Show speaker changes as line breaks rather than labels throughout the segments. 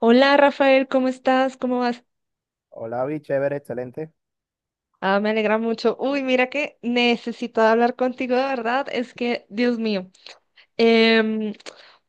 Hola Rafael, ¿cómo estás? ¿Cómo vas?
Hola, vi, chévere, excelente.
Ah, me alegra mucho. Uy, mira que necesito hablar contigo, de verdad. Es que, Dios mío. Em,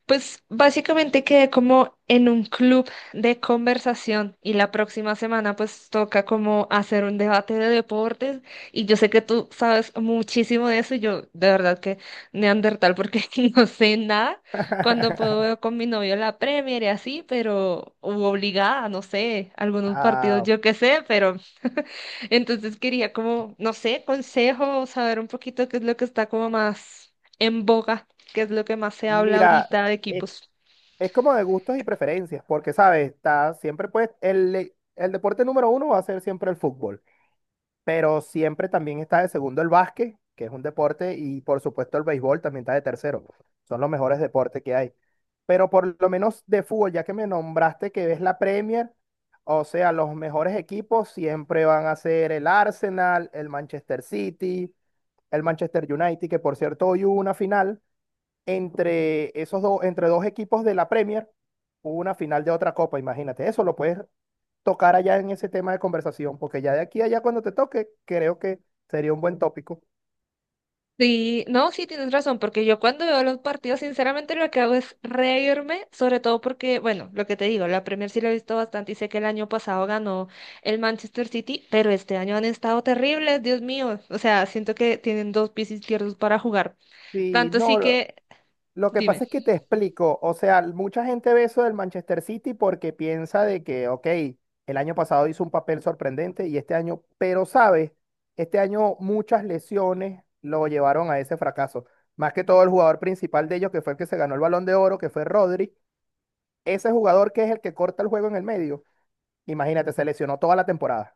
pues básicamente quedé como en un club de conversación y la próxima semana pues toca como hacer un debate de deportes y yo sé que tú sabes muchísimo de eso y yo de verdad que neandertal porque no sé nada cuando puedo veo con mi novio la Premier y así, pero u obligada, no sé, algunos partidos
Ah,
yo qué sé, pero entonces quería como, no sé, consejo, saber un poquito qué es lo que está como más en boga que es lo que más se habla
mira,
ahorita de
es,
equipos.
es como de gustos y preferencias, porque, ¿sabes? Está siempre, pues, el deporte número uno va a ser siempre el fútbol. Pero siempre también está de segundo el básquet, que es un deporte, y por supuesto el béisbol también está de tercero. Son los mejores deportes que hay. Pero por lo menos de fútbol, ya que me nombraste que ves la Premier, o sea, los mejores equipos siempre van a ser el Arsenal, el Manchester City, el Manchester United, que por cierto hoy hubo una final entre esos dos, entre dos equipos de la Premier, hubo una final de otra copa, imagínate. Eso lo puedes tocar allá en ese tema de conversación, porque ya de aquí a allá cuando te toque, creo que sería un buen tópico.
Sí, no, sí tienes razón, porque yo cuando veo los partidos, sinceramente lo que hago es reírme, sobre todo porque, bueno, lo que te digo, la Premier sí la he visto bastante y sé que el año pasado ganó el Manchester City, pero este año han estado terribles, Dios mío, o sea, siento que tienen dos pies izquierdos para jugar.
Sí,
Tanto sí
no, lo,
que,
lo que
dime.
pasa es que te explico, o sea, mucha gente ve eso del Manchester City porque piensa de que, ok, el año pasado hizo un papel sorprendente y este año, pero sabes, este año muchas lesiones lo llevaron a ese fracaso. Más que todo el jugador principal de ellos, que fue el que se ganó el Balón de Oro, que fue Rodri, ese jugador que es el que corta el juego en el medio. Imagínate, se lesionó toda la temporada.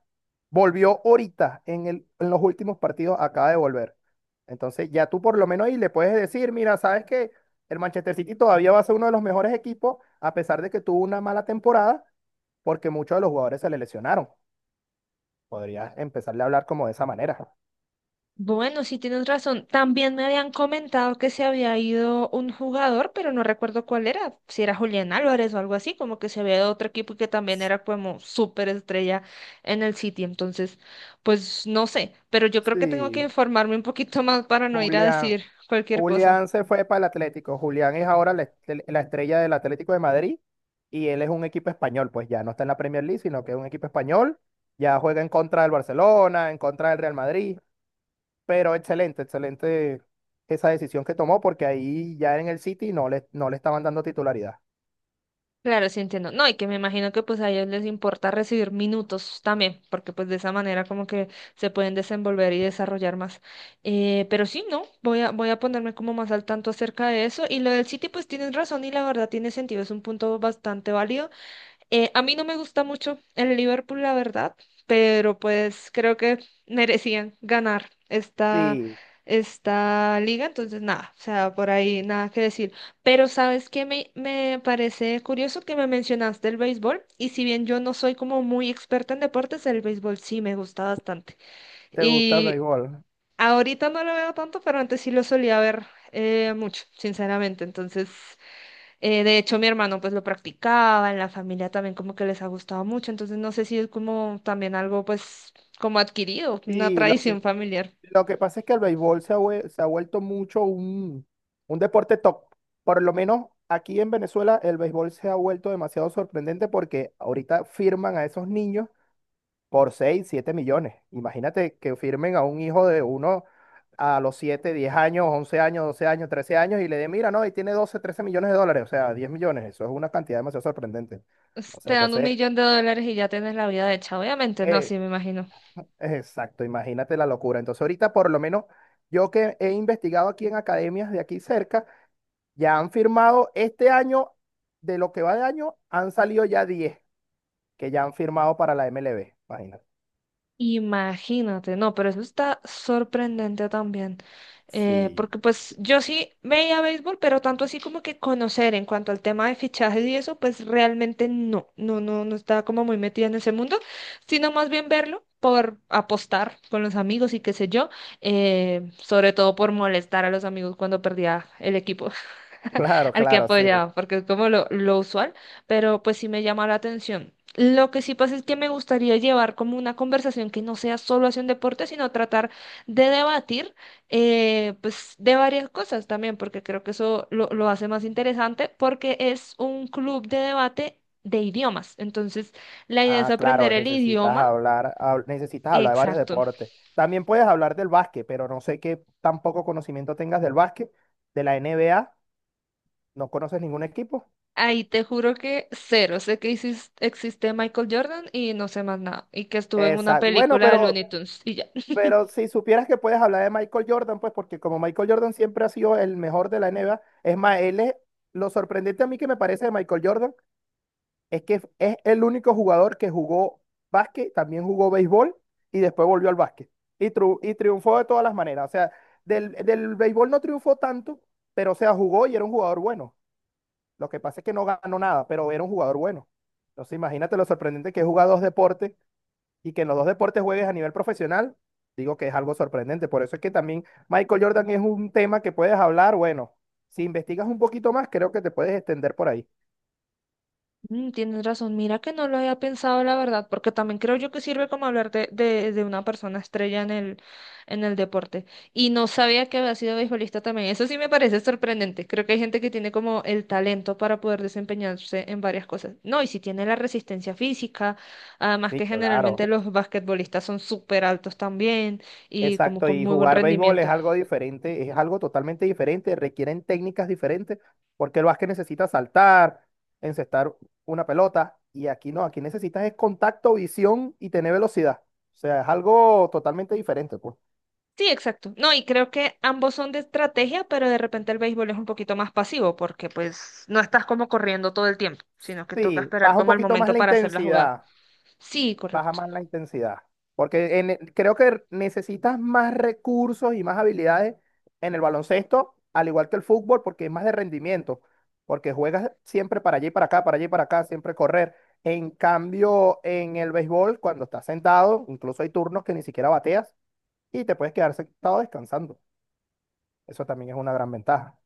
Volvió ahorita en los últimos partidos, acaba de volver. Entonces, ya tú por lo menos ahí le puedes decir, mira, sabes que el Manchester City todavía va a ser uno de los mejores equipos, a pesar de que tuvo una mala temporada, porque muchos de los jugadores se le lesionaron. Podrías empezarle a hablar como de esa manera.
Bueno, sí tienes razón. También me habían comentado que se había ido un jugador, pero no recuerdo cuál era, si era Julián Álvarez o algo así, como que se había ido a otro equipo que también era como súper estrella en el City. Entonces, pues no sé, pero yo creo que tengo que
Sí,
informarme un poquito más para no ir a
Julián,
decir cualquier cosa.
Julián se fue para el Atlético. Julián es ahora la estrella del Atlético de Madrid y él es un equipo español, pues ya no está en la Premier League, sino que es un equipo español. Ya juega en contra del Barcelona, en contra del Real Madrid, pero excelente, excelente esa decisión que tomó porque ahí ya en el City no le estaban dando titularidad.
Claro, sí entiendo. No, y que me imagino que pues a ellos les importa recibir minutos también, porque pues de esa manera como que se pueden desenvolver y desarrollar más. Pero sí, no, voy a ponerme como más al tanto acerca de eso. Y lo del City, pues tienes razón y la verdad tiene sentido, es un punto bastante válido. A mí no me gusta mucho el Liverpool, la verdad, pero pues creo que merecían ganar esta,
Sí,
esta liga, entonces nada, o sea, por ahí nada que decir. Pero sabes que me parece curioso que me mencionaste el béisbol, y si bien yo no soy como muy experta en deportes, el béisbol sí me gusta bastante.
te gusta el
Y
béisbol.
ahorita no lo veo tanto, pero antes sí lo solía ver mucho, sinceramente, entonces. De hecho, mi hermano pues lo practicaba, en la familia también como que les ha gustado mucho, entonces no sé si es como también algo pues como adquirido, una
Sí, lo que,
tradición familiar.
Lo que pasa es que el béisbol se ha vuelto mucho un deporte top. Por lo menos aquí en Venezuela el béisbol se ha vuelto demasiado sorprendente porque ahorita firman a esos niños por 6 o 7 millones. Imagínate que firmen a un hijo de uno a los 7 o 10 años, 11 años, 12 años, 13 años y le den, mira, no, y tiene 12 o 13 millones de dólares, o sea, 10 millones. Eso es una cantidad demasiado sorprendente. O
Pues, te
sea,
dan un
entonces,
millón de dólares y ya tienes la vida hecha, obviamente, no,
eh,
sí, me imagino.
exacto, imagínate la locura. Entonces, ahorita por lo menos yo que he investigado aquí en academias de aquí cerca, ya han firmado este año, de lo que va de año, han salido ya 10 que ya han firmado para la MLB. Imagínate.
Imagínate, no, pero eso está sorprendente también,
Sí.
porque pues yo sí veía béisbol, pero tanto así como que conocer en cuanto al tema de fichajes y eso, pues realmente no estaba como muy metida en ese mundo, sino más bien verlo por apostar con los amigos y qué sé yo, sobre todo por molestar a los amigos cuando perdía el equipo
Claro,
al que
claro, sí.
apoyaba, porque es como lo usual, pero pues sí me llama la atención. Lo que sí pasa es que me gustaría llevar como una conversación que no sea solo hacia un deporte, sino tratar de debatir pues de varias cosas también, porque creo que eso lo hace más interesante, porque es un club de debate de idiomas. Entonces, la idea es
Ah,
aprender
claro,
el
necesitas
idioma.
hablar de varios
Exacto.
deportes. También puedes hablar del básquet, pero no sé qué tan poco conocimiento tengas del básquet, de la NBA, no conoces ningún equipo.
Ahí te juro que cero. Sé que existe Michael Jordan y no sé más nada. Y que estuvo en una
Exacto. Bueno,
película de
pero
Looney Tunes y ya.
Pero si supieras que puedes hablar de Michael Jordan, pues porque como Michael Jordan siempre ha sido el mejor de la NBA, es más, él es, lo sorprendente a mí que me parece de Michael Jordan es que es el único jugador que jugó básquet, también jugó béisbol y después volvió al básquet. Y triunfó de todas las maneras. O sea, del béisbol no triunfó tanto, pero o sea, jugó y era un jugador bueno. Lo que pasa es que no ganó nada, pero era un jugador bueno. Entonces imagínate lo sorprendente que es dos deportes y que en los dos deportes juegues a nivel profesional, digo que es algo sorprendente. Por eso es que también Michael Jordan es un tema que puedes hablar. Bueno, si investigas un poquito más, creo que te puedes extender por ahí.
Mm, tienes razón, mira que no lo había pensado la verdad, porque también creo yo que sirve como hablar de una persona estrella en el deporte. Y no sabía que había sido beisbolista también. Eso sí me parece sorprendente. Creo que hay gente que tiene como el talento para poder desempeñarse en varias cosas. No, y si tiene la resistencia física, además
Sí,
que
claro.
generalmente los basquetbolistas son súper altos también y como
Exacto,
con
y
muy buen
jugar béisbol es
rendimiento.
algo diferente, es algo totalmente diferente, requieren técnicas diferentes, porque el básquet necesita saltar, encestar una pelota, y aquí no, aquí necesitas es contacto, visión y tener velocidad. O sea, es algo totalmente diferente, pues.
Sí, exacto. No, y creo que ambos son de estrategia, pero de repente el béisbol es un poquito más pasivo porque pues no estás como corriendo todo el tiempo, sino que toca
Sí,
esperar
baja un
como el
poquito más
momento
la
para hacer la jugada.
intensidad.
Sí,
Baja
correcto.
más la intensidad. Porque creo que necesitas más recursos y más habilidades en el baloncesto, al igual que el fútbol, porque es más de rendimiento, porque juegas siempre para allí y para acá, para allí y para acá, siempre correr. En cambio, en el béisbol, cuando estás sentado, incluso hay turnos que ni siquiera bateas y te puedes quedar sentado descansando. Eso también es una gran ventaja.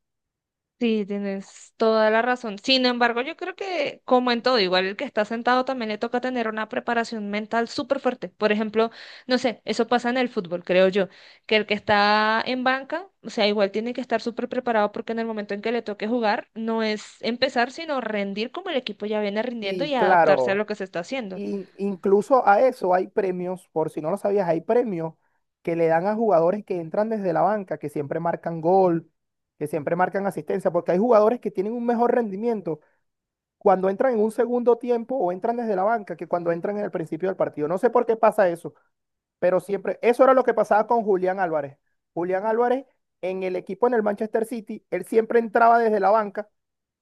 Sí, tienes toda la razón. Sin embargo, yo creo que, como en todo, igual el que está sentado también le toca tener una preparación mental súper fuerte. Por ejemplo, no sé, eso pasa en el fútbol, creo yo, que el que está en banca, o sea, igual tiene que estar súper preparado porque en el momento en que le toque jugar, no es empezar, sino rendir como el equipo ya viene rindiendo y
Sí,
adaptarse a lo
claro.
que se está haciendo.
Y incluso a eso hay premios, por si no lo sabías, hay premios que le dan a jugadores que entran desde la banca, que siempre marcan gol, que siempre marcan asistencia, porque hay jugadores que tienen un mejor rendimiento cuando entran en un segundo tiempo o entran desde la banca que cuando entran en el principio del partido. No sé por qué pasa eso. Pero siempre, eso era lo que pasaba con Julián Álvarez. Julián Álvarez en el equipo en el Manchester City, él siempre entraba desde la banca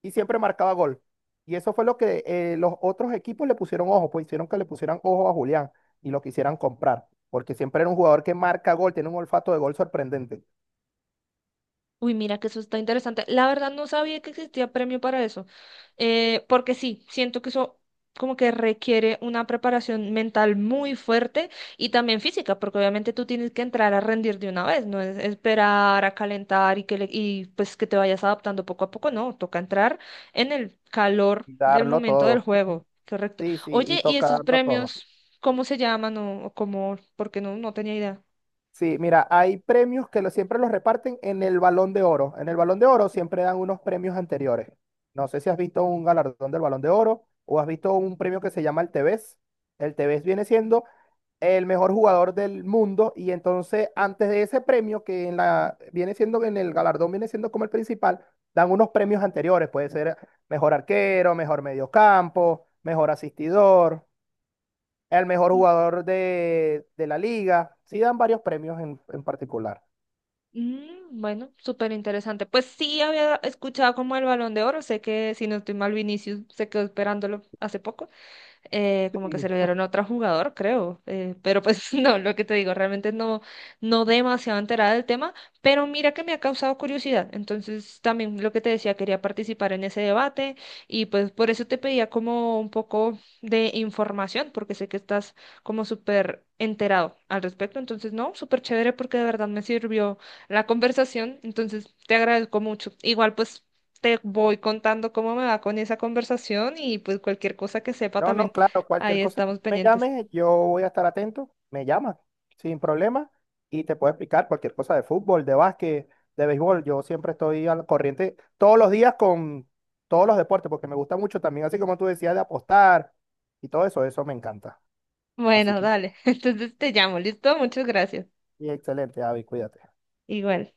y siempre marcaba gol. Y eso fue lo que los otros equipos le pusieron ojo, pues hicieron que le pusieran ojo a Julián y lo quisieran comprar, porque siempre era un jugador que marca gol, tiene un olfato de gol sorprendente.
Uy, mira que eso está interesante. La verdad no sabía que existía premio para eso, porque sí, siento que eso como que requiere una preparación mental muy fuerte y también física, porque obviamente tú tienes que entrar a rendir de una vez, no es esperar a calentar y pues que te vayas adaptando poco a poco, no, toca entrar en el calor
Y
del
darlo
momento del
todo.
juego, correcto.
Sí, sí, y
Oye, ¿y
toca
esos
darlo todo.
premios cómo se llaman o cómo? Porque no tenía idea.
Sí, mira, hay premios que lo- siempre los reparten en el Balón de Oro. En el Balón de Oro siempre dan unos premios anteriores. No sé si has visto un galardón del Balón de Oro o has visto un premio que se llama el Tevez. El Tevez viene siendo el mejor jugador del mundo y entonces antes de ese premio que en la viene siendo en el galardón viene siendo como el principal, dan unos premios anteriores, puede ser mejor arquero, mejor mediocampo, mejor asistidor, el mejor jugador de la liga. Sí dan varios premios en particular.
Mm, bueno, súper interesante. Pues sí había escuchado como el Balón de Oro, sé que si no estoy mal, Vinicius se quedó esperándolo hace poco como que se
Sí.
lo dieron a otro jugador, creo. Pero pues no, lo que te digo, realmente no demasiado enterada del tema, pero mira que me ha causado curiosidad. Entonces también lo que te decía, quería participar en ese debate y pues por eso te pedía como un poco de información, porque sé que estás como súper enterado al respecto. Entonces, no, súper chévere porque de verdad me sirvió la conversación. Entonces, te agradezco mucho. Igual pues te voy contando cómo me va con esa conversación y pues cualquier cosa que sepa
No,
también.
no, claro,
Ahí
cualquier cosa que
estamos
me
pendientes.
llames, yo voy a estar atento. Me llamas sin problema, y te puedo explicar cualquier cosa de fútbol, de básquet, de béisbol. Yo siempre estoy al corriente todos los días con todos los deportes, porque me gusta mucho también, así como tú decías, de apostar y todo eso, eso me encanta. Así
Bueno,
que,
dale. Entonces te llamo. ¿Listo? Muchas gracias.
y excelente, Avi, cuídate.
Igual.